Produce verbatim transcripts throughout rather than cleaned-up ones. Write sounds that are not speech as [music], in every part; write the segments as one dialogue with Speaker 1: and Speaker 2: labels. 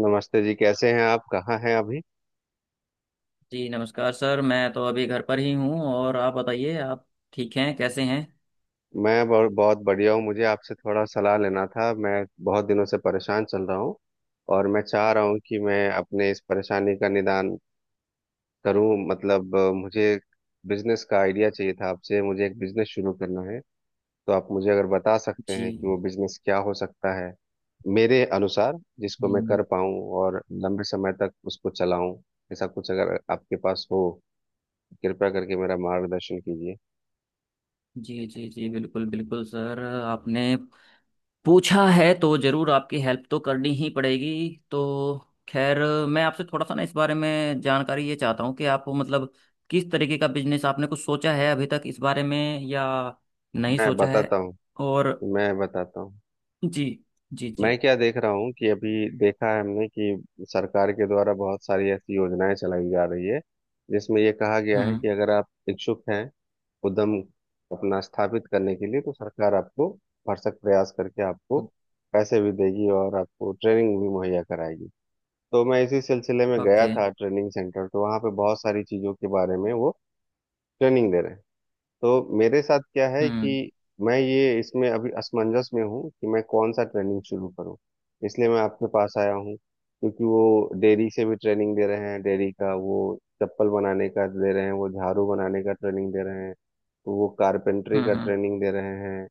Speaker 1: नमस्ते जी। कैसे हैं आप? कहाँ हैं अभी?
Speaker 2: जी नमस्कार सर। मैं तो अभी घर पर ही हूँ। और आप बताइए, आप ठीक हैं? कैसे हैं?
Speaker 1: मैं बहुत बहुत बढ़िया हूँ। मुझे आपसे थोड़ा सलाह लेना था। मैं बहुत दिनों से परेशान चल रहा हूँ और मैं चाह रहा हूँ कि मैं अपने इस परेशानी का निदान करूँ, मतलब अ, मुझे बिजनेस का आइडिया चाहिए था आपसे। मुझे एक बिजनेस शुरू करना है, तो आप मुझे अगर बता सकते
Speaker 2: जी।
Speaker 1: हैं कि वो बिजनेस क्या हो सकता है मेरे अनुसार, जिसको मैं
Speaker 2: हम्म।
Speaker 1: कर पाऊँ और लंबे समय तक उसको चलाऊँ? ऐसा कुछ अगर आपके पास हो, कृपया करके मेरा मार्गदर्शन कीजिए।
Speaker 2: जी जी जी, बिल्कुल बिल्कुल सर। आपने पूछा है तो ज़रूर आपकी हेल्प तो करनी ही पड़ेगी। तो खैर, मैं आपसे थोड़ा सा ना इस बारे में जानकारी ये चाहता हूँ कि आप मतलब किस तरीके का बिजनेस आपने कुछ सोचा है अभी तक इस बारे में, या नहीं
Speaker 1: मैं
Speaker 2: सोचा है।
Speaker 1: बताता हूँ।
Speaker 2: और।
Speaker 1: मैं बताता हूँ।
Speaker 2: जी जी जी।
Speaker 1: मैं क्या देख रहा हूँ कि अभी देखा है हमने कि सरकार के द्वारा बहुत सारी ऐसी योजनाएं चलाई जा रही है, जिसमें ये कहा गया है
Speaker 2: हम्म।
Speaker 1: कि अगर आप इच्छुक हैं उद्यम अपना स्थापित करने के लिए, तो सरकार आपको भरसक प्रयास करके आपको पैसे भी देगी और आपको ट्रेनिंग भी मुहैया कराएगी। तो मैं इसी सिलसिले में
Speaker 2: ओके,
Speaker 1: गया
Speaker 2: हम्म,
Speaker 1: था
Speaker 2: okay,
Speaker 1: ट्रेनिंग सेंटर, तो वहाँ पे बहुत सारी चीज़ों के बारे में वो ट्रेनिंग दे रहे हैं। तो मेरे साथ क्या है
Speaker 2: हम्म
Speaker 1: कि मैं ये इसमें अभी असमंजस में हूँ कि मैं कौन सा ट्रेनिंग शुरू करूँ। इसलिए मैं आपके पास आया हूँ, क्योंकि वो डेयरी से भी ट्रेनिंग दे रहे हैं, डेयरी का, वो चप्पल बनाने का दे रहे हैं, वो झाड़ू बनाने का ट्रेनिंग दे रहे हैं, तो वो कारपेंटरी
Speaker 2: हम्म,
Speaker 1: का
Speaker 2: हम्म,
Speaker 1: ट्रेनिंग दे रहे हैं,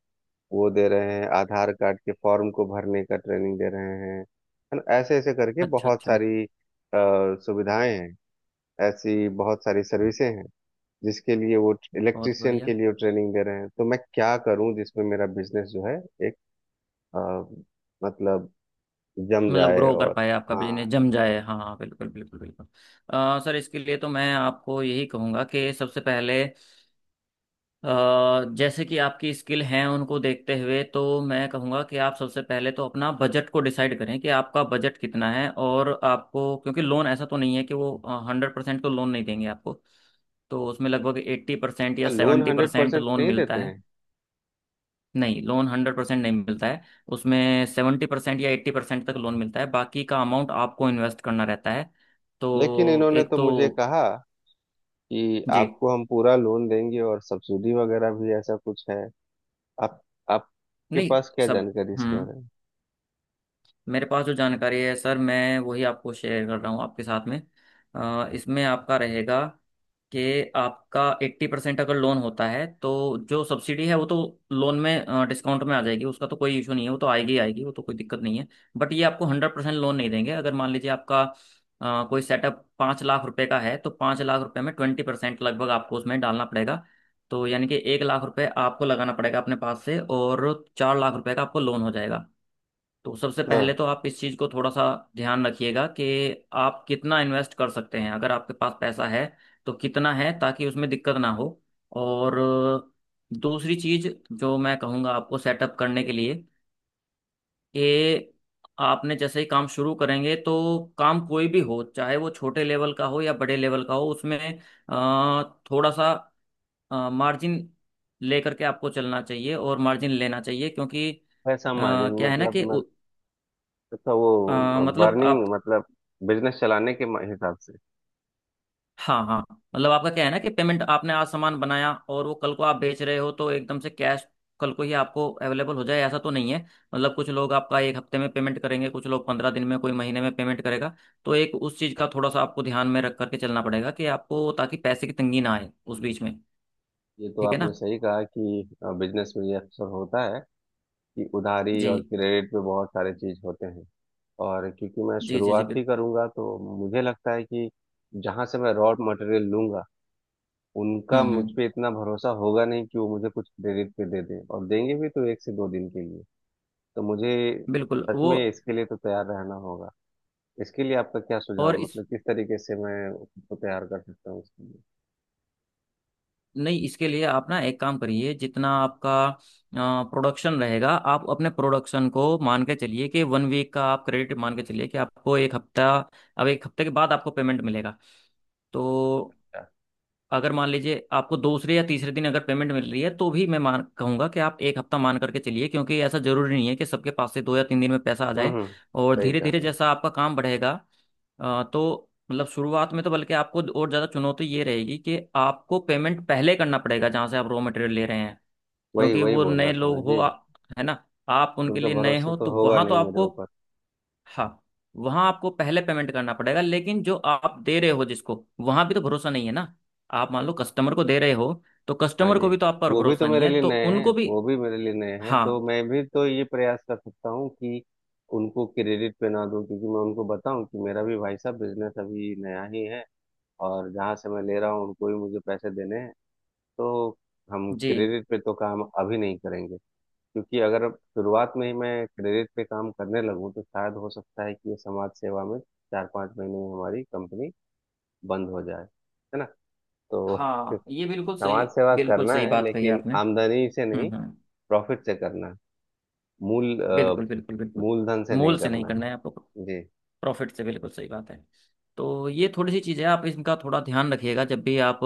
Speaker 1: वो दे रहे हैं आधार कार्ड के फॉर्म को भरने का ट्रेनिंग दे रहे हैं, है ना? ऐसे ऐसे करके
Speaker 2: अच्छा
Speaker 1: बहुत
Speaker 2: अच्छा,
Speaker 1: सारी अ, सुविधाएं हैं। ऐसी बहुत सारी सर्विसें हैं, जिसके लिए वो
Speaker 2: बहुत
Speaker 1: इलेक्ट्रिशियन
Speaker 2: बढ़िया।
Speaker 1: के लिए वो ट्रेनिंग दे रहे हैं। तो मैं क्या करूं जिसमें मेरा बिजनेस जो है एक अ, मतलब जम
Speaker 2: मतलब
Speaker 1: जाए।
Speaker 2: ग्रो कर
Speaker 1: और
Speaker 2: पाए, आपका बिजनेस
Speaker 1: हाँ,
Speaker 2: जम जाए। हाँ हाँ, बिल्कुल बिल्कुल बिल्कुल। अ, सर इसके लिए तो मैं आपको यही कहूँगा कि सबसे पहले अ, जैसे कि आपकी स्किल हैं उनको देखते हुए, तो मैं कहूँगा कि आप सबसे पहले तो अपना बजट को डिसाइड करें कि आपका बजट कितना है। और आपको, क्योंकि लोन ऐसा तो नहीं है कि वो हंड्रेड परसेंट तो लोन नहीं देंगे आपको। तो उसमें लगभग एट्टी परसेंट या
Speaker 1: loan
Speaker 2: seventy
Speaker 1: hundred
Speaker 2: percent
Speaker 1: percent
Speaker 2: loan
Speaker 1: नहीं
Speaker 2: मिलता
Speaker 1: देते
Speaker 2: है।
Speaker 1: हैं?
Speaker 2: नहीं, लोन हंड्रेड परसेंट नहीं मिलता है। उसमें सेवेंटी परसेंट या एट्टी परसेंट तक लोन मिलता है। बाकी का अमाउंट आपको इन्वेस्ट करना रहता है।
Speaker 1: लेकिन
Speaker 2: तो
Speaker 1: इन्होंने
Speaker 2: एक
Speaker 1: तो
Speaker 2: तो,
Speaker 1: मुझे कहा कि
Speaker 2: जी।
Speaker 1: आपको हम पूरा लोन देंगे, और सब्सिडी वगैरह भी ऐसा कुछ है? आप आपके
Speaker 2: नहीं।
Speaker 1: पास क्या
Speaker 2: सब।
Speaker 1: जानकारी इसके
Speaker 2: हम्म।
Speaker 1: बारे में?
Speaker 2: मेरे पास जो जानकारी है सर, मैं वही आपको शेयर कर रहा हूँ आपके साथ में। अ, इसमें आपका रहेगा कि आपका एट्टी परसेंट अगर लोन होता है, तो जो सब्सिडी है वो तो लोन में डिस्काउंट में आ जाएगी। उसका तो कोई इशू नहीं है, वो तो आएगी ही आएगी, वो तो कोई दिक्कत नहीं है। बट ये आपको हंड्रेड परसेंट लोन नहीं देंगे। अगर मान लीजिए आपका अ, कोई सेटअप पाँच लाख रुपए का है, तो पाँच लाख रुपए में ट्वेंटी परसेंट लगभग आपको उसमें डालना पड़ेगा। तो यानी कि एक लाख रुपए आपको लगाना पड़ेगा अपने पास से, और चार लाख रुपए का आपको लोन हो जाएगा। तो सबसे पहले
Speaker 1: हाँ,
Speaker 2: तो आप इस चीज़ को थोड़ा सा ध्यान रखिएगा कि आप कितना इन्वेस्ट कर सकते हैं। अगर आपके पास पैसा है तो कितना है, ताकि उसमें दिक्कत ना हो। और दूसरी चीज़ जो मैं कहूँगा आपको सेटअप करने के लिए, कि आपने जैसे ही काम शुरू करेंगे, तो काम कोई भी हो, चाहे वो छोटे लेवल का हो या बड़े लेवल का हो, उसमें अ, थोड़ा सा मार्जिन लेकर के आपको चलना चाहिए और मार्जिन लेना चाहिए। क्योंकि अ,
Speaker 1: पैसा मार्जिन
Speaker 2: क्या है ना
Speaker 1: मतलब
Speaker 2: कि
Speaker 1: मैं,
Speaker 2: उ-
Speaker 1: तो
Speaker 2: अ
Speaker 1: वो
Speaker 2: मतलब आप,
Speaker 1: बर्निंग मतलब बिजनेस चलाने के हिसाब से?
Speaker 2: हाँ हाँ, मतलब आपका क्या है ना कि पेमेंट, आपने आज सामान बनाया और वो कल को आप बेच रहे हो तो एकदम से कैश कल को ही आपको अवेलेबल हो जाए, ऐसा तो नहीं है। मतलब कुछ लोग आपका एक हफ्ते में पेमेंट करेंगे, कुछ लोग पंद्रह दिन में, कोई महीने में पेमेंट करेगा। तो एक उस चीज़ का थोड़ा सा आपको ध्यान में रख करके चलना पड़ेगा कि आपको, ताकि पैसे की तंगी ना आए उस बीच में।
Speaker 1: ये तो
Speaker 2: ठीक है
Speaker 1: आपने
Speaker 2: ना?
Speaker 1: सही कहा कि बिजनेस में ये अक्सर होता है कि उधारी
Speaker 2: जी
Speaker 1: और क्रेडिट पे बहुत सारे चीज होते हैं। और क्योंकि मैं
Speaker 2: जी जी जी,
Speaker 1: शुरुआत ही
Speaker 2: बिल्कुल।
Speaker 1: करूंगा, तो मुझे लगता है कि जहां से मैं रॉ मटेरियल लूंगा, उनका
Speaker 2: हम्म
Speaker 1: मुझ
Speaker 2: हम्म,
Speaker 1: पे इतना भरोसा होगा नहीं कि वो मुझे कुछ क्रेडिट पे दे दें, और देंगे भी तो एक से दो दिन के लिए। तो मुझे
Speaker 2: बिल्कुल
Speaker 1: सच
Speaker 2: वो।
Speaker 1: में इसके लिए तो तैयार रहना होगा। इसके लिए आपका क्या सुझाव
Speaker 2: और
Speaker 1: है?
Speaker 2: इस,
Speaker 1: मतलब किस तरीके से मैं खुद को तैयार कर सकता हूँ इसके लिए
Speaker 2: नहीं, इसके लिए आप ना एक काम करिए। जितना आपका प्रोडक्शन रहेगा, आप अपने प्रोडक्शन को मान के चलिए कि वन वीक का आप क्रेडिट, मान के चलिए कि आपको एक हफ्ता, अब एक हफ्ते के बाद आपको पेमेंट मिलेगा। तो
Speaker 1: क्या?
Speaker 2: अगर मान लीजिए आपको दूसरे या तीसरे दिन अगर पेमेंट मिल रही है, तो भी मैं मान कहूंगा कि आप एक हफ्ता मान करके चलिए। क्योंकि ऐसा जरूरी नहीं है कि सबके पास से दो या तीन दिन में पैसा आ
Speaker 1: हम्म।
Speaker 2: जाए।
Speaker 1: हम्म।
Speaker 2: और
Speaker 1: सही
Speaker 2: धीरे
Speaker 1: कहा
Speaker 2: धीरे
Speaker 1: आपने।
Speaker 2: जैसा आपका काम बढ़ेगा, अ, तो मतलब शुरुआत में तो बल्कि आपको और ज़्यादा चुनौती ये रहेगी कि आपको पेमेंट पहले करना पड़ेगा जहाँ से आप रॉ मटेरियल ले रहे हैं।
Speaker 1: वही
Speaker 2: क्योंकि
Speaker 1: वही
Speaker 2: वो
Speaker 1: बोल रहा
Speaker 2: नए
Speaker 1: था मैं
Speaker 2: लोग हो,
Speaker 1: जी।
Speaker 2: आ- है ना, आप उनके
Speaker 1: उनका
Speaker 2: लिए नए
Speaker 1: भरोसा
Speaker 2: हो
Speaker 1: तो
Speaker 2: तो
Speaker 1: होगा
Speaker 2: वहाँ तो
Speaker 1: नहीं मेरे
Speaker 2: आपको,
Speaker 1: ऊपर।
Speaker 2: हाँ, वहां आपको पहले पेमेंट करना पड़ेगा। लेकिन जो आप दे रहे हो जिसको, वहां भी तो भरोसा नहीं है ना। आप मान लो कस्टमर को दे रहे हो, तो
Speaker 1: हाँ
Speaker 2: कस्टमर
Speaker 1: जी।
Speaker 2: को भी तो आप पर
Speaker 1: वो भी तो
Speaker 2: भरोसा नहीं
Speaker 1: मेरे
Speaker 2: है,
Speaker 1: लिए
Speaker 2: तो
Speaker 1: नए हैं,
Speaker 2: उनको भी।
Speaker 1: वो भी मेरे लिए नए हैं।
Speaker 2: हाँ
Speaker 1: तो मैं भी तो ये प्रयास कर सकता हूँ कि उनको क्रेडिट पे ना दूं, क्योंकि मैं उनको बताऊं कि मेरा भी भाई साहब बिजनेस अभी नया ही है, और जहाँ से मैं ले रहा हूँ उनको ही मुझे पैसे देने हैं, तो हम
Speaker 2: जी,
Speaker 1: क्रेडिट पे तो काम अभी नहीं करेंगे। क्योंकि अगर शुरुआत में ही मैं क्रेडिट पे काम करने लगूँ, तो शायद हो सकता है कि ये समाज सेवा में चार पाँच महीने में हमारी कंपनी बंद हो जाए, है ना? तो [laughs]
Speaker 2: हाँ ये बिल्कुल सही।
Speaker 1: समाज सेवा
Speaker 2: बिल्कुल
Speaker 1: करना
Speaker 2: सही
Speaker 1: है,
Speaker 2: बात कही
Speaker 1: लेकिन
Speaker 2: आपने।
Speaker 1: आमदनी से नहीं।
Speaker 2: हम्म हम्म,
Speaker 1: प्रॉफिट से करना है। मूल अ,
Speaker 2: बिल्कुल बिल्कुल बिल्कुल।
Speaker 1: मूलधन से नहीं
Speaker 2: मोल से नहीं
Speaker 1: करना
Speaker 2: करना है आपको,
Speaker 1: है जी।
Speaker 2: प्रॉफिट से। बिल्कुल सही बात है। तो ये थोड़ी सी चीज़ें आप इनका थोड़ा ध्यान रखिएगा जब भी आप,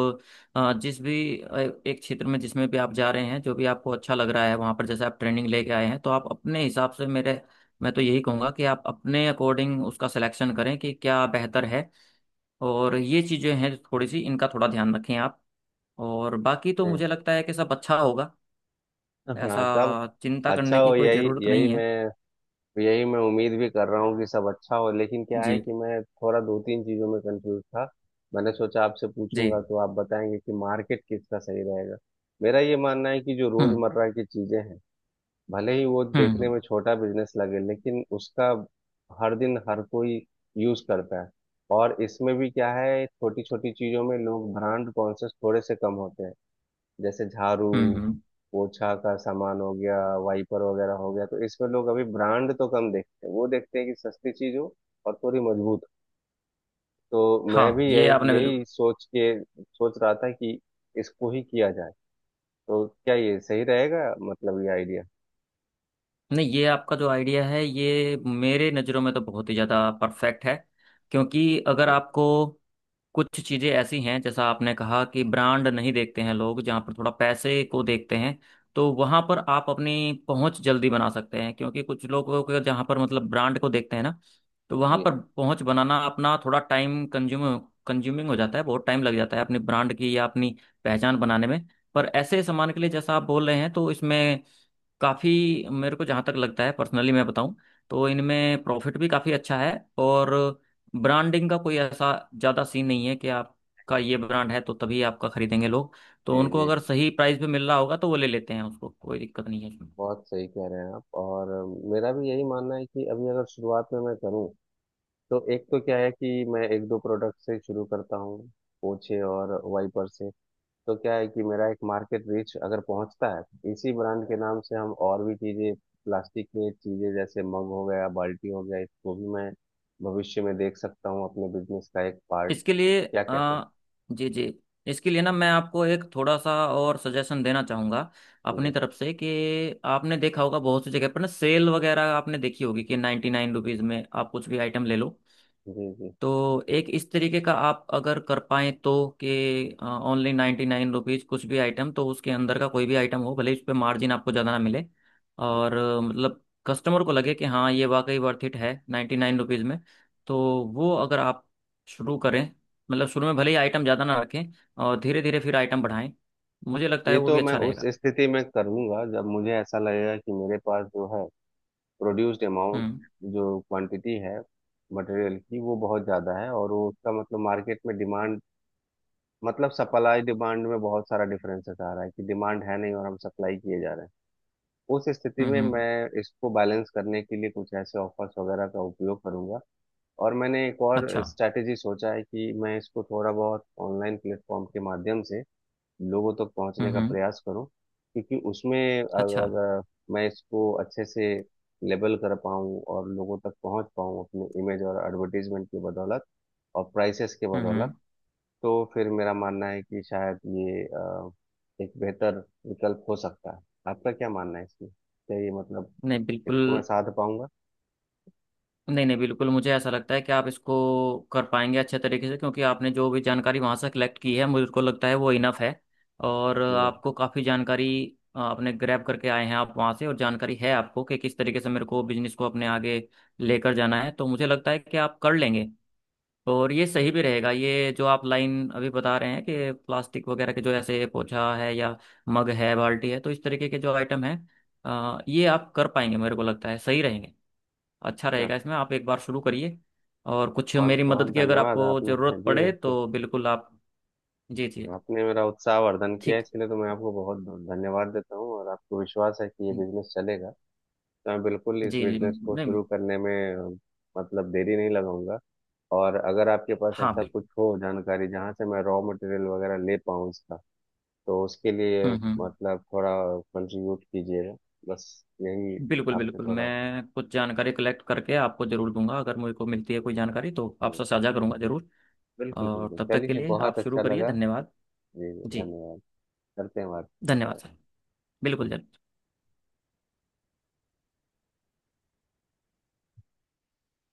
Speaker 2: अ, जिस भी अ, एक क्षेत्र में जिसमें भी आप जा रहे हैं, जो भी आपको अच्छा लग रहा है, वहाँ पर जैसे आप ट्रेनिंग लेके आए हैं, तो आप अपने हिसाब से, मेरे मैं तो यही कहूँगा कि आप अपने अकॉर्डिंग उसका सिलेक्शन करें कि क्या बेहतर है। और ये चीज़ें हैं थोड़ी सी, इनका थोड़ा ध्यान रखें आप। और बाकी तो मुझे लगता है कि सब अच्छा होगा।
Speaker 1: हम्म।
Speaker 2: ऐसा
Speaker 1: हाँ। तब
Speaker 2: चिंता
Speaker 1: अच्छा
Speaker 2: करने
Speaker 1: हो,
Speaker 2: की कोई
Speaker 1: यही
Speaker 2: ज़रूरत
Speaker 1: यही
Speaker 2: नहीं है।
Speaker 1: मैं यही मैं उम्मीद भी कर रहा हूँ कि सब अच्छा हो, लेकिन क्या है
Speaker 2: जी
Speaker 1: कि मैं थोड़ा दो तीन चीज़ों में कंफ्यूज था। मैंने सोचा आपसे
Speaker 2: जी,
Speaker 1: पूछूंगा तो आप बताएंगे कि मार्केट किसका सही रहेगा। मेरा ये मानना है कि जो
Speaker 2: हम्म
Speaker 1: रोजमर्रा की चीजें हैं, भले ही वो
Speaker 2: हम्म,
Speaker 1: देखने
Speaker 2: हम्म
Speaker 1: में छोटा बिजनेस लगे, लेकिन उसका हर दिन हर कोई यूज करता है। और इसमें भी क्या है, छोटी छोटी चीजों में लोग ब्रांड कॉन्शियस थोड़े से कम होते हैं, जैसे
Speaker 2: हम्म।
Speaker 1: झाड़ू,
Speaker 2: हम्म।
Speaker 1: पोछा का सामान हो गया, वाइपर वगैरह हो गया, तो इसमें लोग अभी ब्रांड तो कम देखते हैं, वो देखते हैं कि सस्ती चीज हो और थोड़ी मजबूत हो। तो मैं
Speaker 2: हाँ
Speaker 1: भी
Speaker 2: ये
Speaker 1: यही
Speaker 2: आपने बिल्कुल।
Speaker 1: यही सोच के सोच रहा था कि इसको ही किया जाए। तो क्या ये सही रहेगा? मतलब ये आइडिया?
Speaker 2: नहीं, ये आपका जो आइडिया है, ये मेरे नज़रों में तो बहुत ही ज़्यादा परफेक्ट है। क्योंकि अगर आपको, कुछ चीज़ें ऐसी हैं जैसा आपने कहा कि ब्रांड नहीं देखते हैं लोग, जहाँ पर थोड़ा पैसे को देखते हैं, तो वहाँ पर आप अपनी पहुँच जल्दी बना सकते हैं। क्योंकि कुछ लोगों को जहाँ पर मतलब ब्रांड को देखते हैं ना, तो वहाँ
Speaker 1: जी
Speaker 2: पर पहुँच बनाना अपना थोड़ा टाइम कंज्यूम कंज्यूमिंग हो जाता है। बहुत टाइम लग जाता है अपनी ब्रांड की या अपनी पहचान बनाने में। पर ऐसे सामान के लिए जैसा आप बोल रहे हैं, तो इसमें काफ़ी, मेरे को जहाँ तक लगता है, पर्सनली मैं बताऊँ, तो इनमें प्रॉफिट भी काफ़ी अच्छा है। और ब्रांडिंग का कोई ऐसा ज़्यादा सीन नहीं है कि आपका ये ब्रांड है तो तभी आपका खरीदेंगे लोग। तो
Speaker 1: जी
Speaker 2: उनको
Speaker 1: जी
Speaker 2: अगर
Speaker 1: जी।
Speaker 2: सही प्राइस पे मिल रहा होगा तो वो ले लेते हैं उसको, कोई दिक्कत नहीं है इसमें।
Speaker 1: बहुत सही कह रहे हैं आप। और मेरा भी यही मानना है कि अभी अगर शुरुआत में मैं करूं, तो एक तो क्या है कि मैं एक दो प्रोडक्ट से शुरू करता हूँ, पोछे और वाइपर से। तो क्या है कि मेरा एक मार्केट रीच अगर पहुंचता है, तो इसी ब्रांड के नाम से हम और भी चीज़ें, प्लास्टिक में चीज़ें, जैसे मग हो गया, बाल्टी हो गया, इसको भी मैं भविष्य में देख सकता हूँ अपने बिजनेस का एक पार्ट।
Speaker 2: इसके लिए
Speaker 1: क्या कहते हैं?
Speaker 2: अ, जी जी, इसके लिए ना मैं आपको एक थोड़ा सा और सजेशन देना चाहूँगा
Speaker 1: जी
Speaker 2: अपनी तरफ से, कि आपने देखा होगा बहुत सी जगह पर ना, सेल वगैरह आपने देखी होगी कि नाइन्टी नाइन रुपीज़ में आप कुछ भी आइटम ले लो।
Speaker 1: जी जी।
Speaker 2: तो एक इस तरीके का आप अगर कर पाए तो, कि ओनली नाइन्टी नाइन रुपीज, कुछ भी आइटम, तो उसके अंदर का कोई भी आइटम हो, भले इस पे मार्जिन आपको ज़्यादा ना मिले। और अ, मतलब कस्टमर को लगे कि हाँ, ये वाकई वर्थ इट है नाइन्टी नाइन रुपीज़ में। तो वो अगर आप शुरू करें, मतलब शुरू में भले ही आइटम ज़्यादा ना रखें, और धीरे धीरे फिर आइटम बढ़ाएं, मुझे लगता है
Speaker 1: ये
Speaker 2: वो
Speaker 1: तो
Speaker 2: भी
Speaker 1: मैं
Speaker 2: अच्छा
Speaker 1: उस
Speaker 2: रहेगा।
Speaker 1: स्थिति में करूंगा जब मुझे ऐसा लगेगा कि मेरे पास जो है प्रोड्यूस्ड अमाउंट,
Speaker 2: हम्म
Speaker 1: जो क्वांटिटी है मटेरियल की, वो बहुत ज़्यादा है और वो, उसका मतलब मार्केट में डिमांड, मतलब सप्लाई डिमांड में बहुत सारा डिफरेंसेस आ रहा है कि डिमांड है नहीं और हम सप्लाई किए जा रहे हैं। उस स्थिति
Speaker 2: हम्म,
Speaker 1: में
Speaker 2: हम्म,
Speaker 1: मैं इसको बैलेंस करने के लिए कुछ ऐसे ऑफर्स वगैरह का उपयोग करूंगा। और मैंने एक और
Speaker 2: अच्छा।
Speaker 1: स्ट्रैटेजी सोचा है कि मैं इसको थोड़ा बहुत ऑनलाइन प्लेटफॉर्म के माध्यम से लोगों तक
Speaker 2: हम्म
Speaker 1: पहुंचने का
Speaker 2: हम्म,
Speaker 1: प्रयास करूं, क्योंकि उसमें
Speaker 2: अच्छा।
Speaker 1: अगर मैं इसको अच्छे से लेबल कर पाऊं और लोगों तक पहुंच पाऊं अपने इमेज और एडवर्टीजमेंट की बदौलत और प्राइसेस के
Speaker 2: हम्म
Speaker 1: बदौलत,
Speaker 2: हम्म।
Speaker 1: तो फिर मेरा मानना है कि शायद ये अ, एक बेहतर विकल्प हो सकता है। आपका क्या मानना है इसमें? क्या ये मतलब
Speaker 2: नहीं, बिल्कुल।
Speaker 1: इसको मैं साध पाऊंगा?
Speaker 2: नहीं नहीं, बिल्कुल, मुझे ऐसा लगता है कि आप इसको कर पाएंगे अच्छे तरीके से। क्योंकि आपने जो भी जानकारी वहाँ से कलेक्ट की है, मुझको लगता है वो इनफ है। और
Speaker 1: जी,
Speaker 2: आपको काफ़ी जानकारी आपने ग्रैब करके आए हैं आप वहाँ से, और जानकारी है आपको कि किस तरीके से मेरे को बिजनेस को अपने आगे लेकर जाना है, तो मुझे लगता है कि आप कर लेंगे। और ये सही भी रहेगा, ये जो आप लाइन अभी बता रहे हैं कि प्लास्टिक वगैरह के, जो ऐसे पोछा है, या मग है, बाल्टी है, तो इस तरीके के जो आइटम है, अ, ये आप कर पाएंगे मेरे को लगता है, सही रहेंगे, अच्छा
Speaker 1: अच्छा।
Speaker 2: रहेगा। इसमें आप एक बार शुरू करिए। और कुछ
Speaker 1: बहुत
Speaker 2: मेरी मदद
Speaker 1: बहुत
Speaker 2: की अगर
Speaker 1: धन्यवाद
Speaker 2: आपको
Speaker 1: आपने [laughs]
Speaker 2: ज़रूरत
Speaker 1: जी
Speaker 2: पड़े
Speaker 1: बिल्कुल।
Speaker 2: तो बिल्कुल आप। जी जी,
Speaker 1: तो आपने मेरा उत्साह वर्धन किया,
Speaker 2: ठीक।
Speaker 1: इसके लिए तो मैं आपको बहुत धन्यवाद देता हूँ। और आपको विश्वास है कि ये
Speaker 2: जी
Speaker 1: बिजनेस चलेगा, तो मैं बिल्कुल इस
Speaker 2: जी
Speaker 1: बिजनेस को
Speaker 2: नहीं,
Speaker 1: शुरू करने में अ, मतलब देरी नहीं लगाऊंगा। और अगर आपके पास
Speaker 2: हाँ
Speaker 1: ऐसा
Speaker 2: बिल्कुल।
Speaker 1: कुछ हो जानकारी जहाँ से मैं रॉ मटेरियल वगैरह ले पाऊँ इसका, तो उसके लिए
Speaker 2: हम्म हम्म,
Speaker 1: मतलब थोड़ा कंट्रीब्यूट कीजिएगा, बस, यही।
Speaker 2: बिल्कुल
Speaker 1: आपसे
Speaker 2: बिल्कुल,
Speaker 1: थोड़ा,
Speaker 2: मैं कुछ जानकारी कलेक्ट करके आपको ज़रूर दूंगा, अगर मुझे को मिलती है कोई जानकारी तो आपसे साझा करूंगा ज़रूर।
Speaker 1: बिल्कुल
Speaker 2: और
Speaker 1: बिल्कुल
Speaker 2: तब तक के
Speaker 1: चलिए,
Speaker 2: लिए आप
Speaker 1: बहुत
Speaker 2: शुरू
Speaker 1: अच्छा
Speaker 2: करिए।
Speaker 1: लगा।
Speaker 2: धन्यवाद।
Speaker 1: जी,
Speaker 2: जी।
Speaker 1: धन्यवाद। करते हैं
Speaker 2: धन्यवाद
Speaker 1: बात।
Speaker 2: सर। बिल्कुल सर।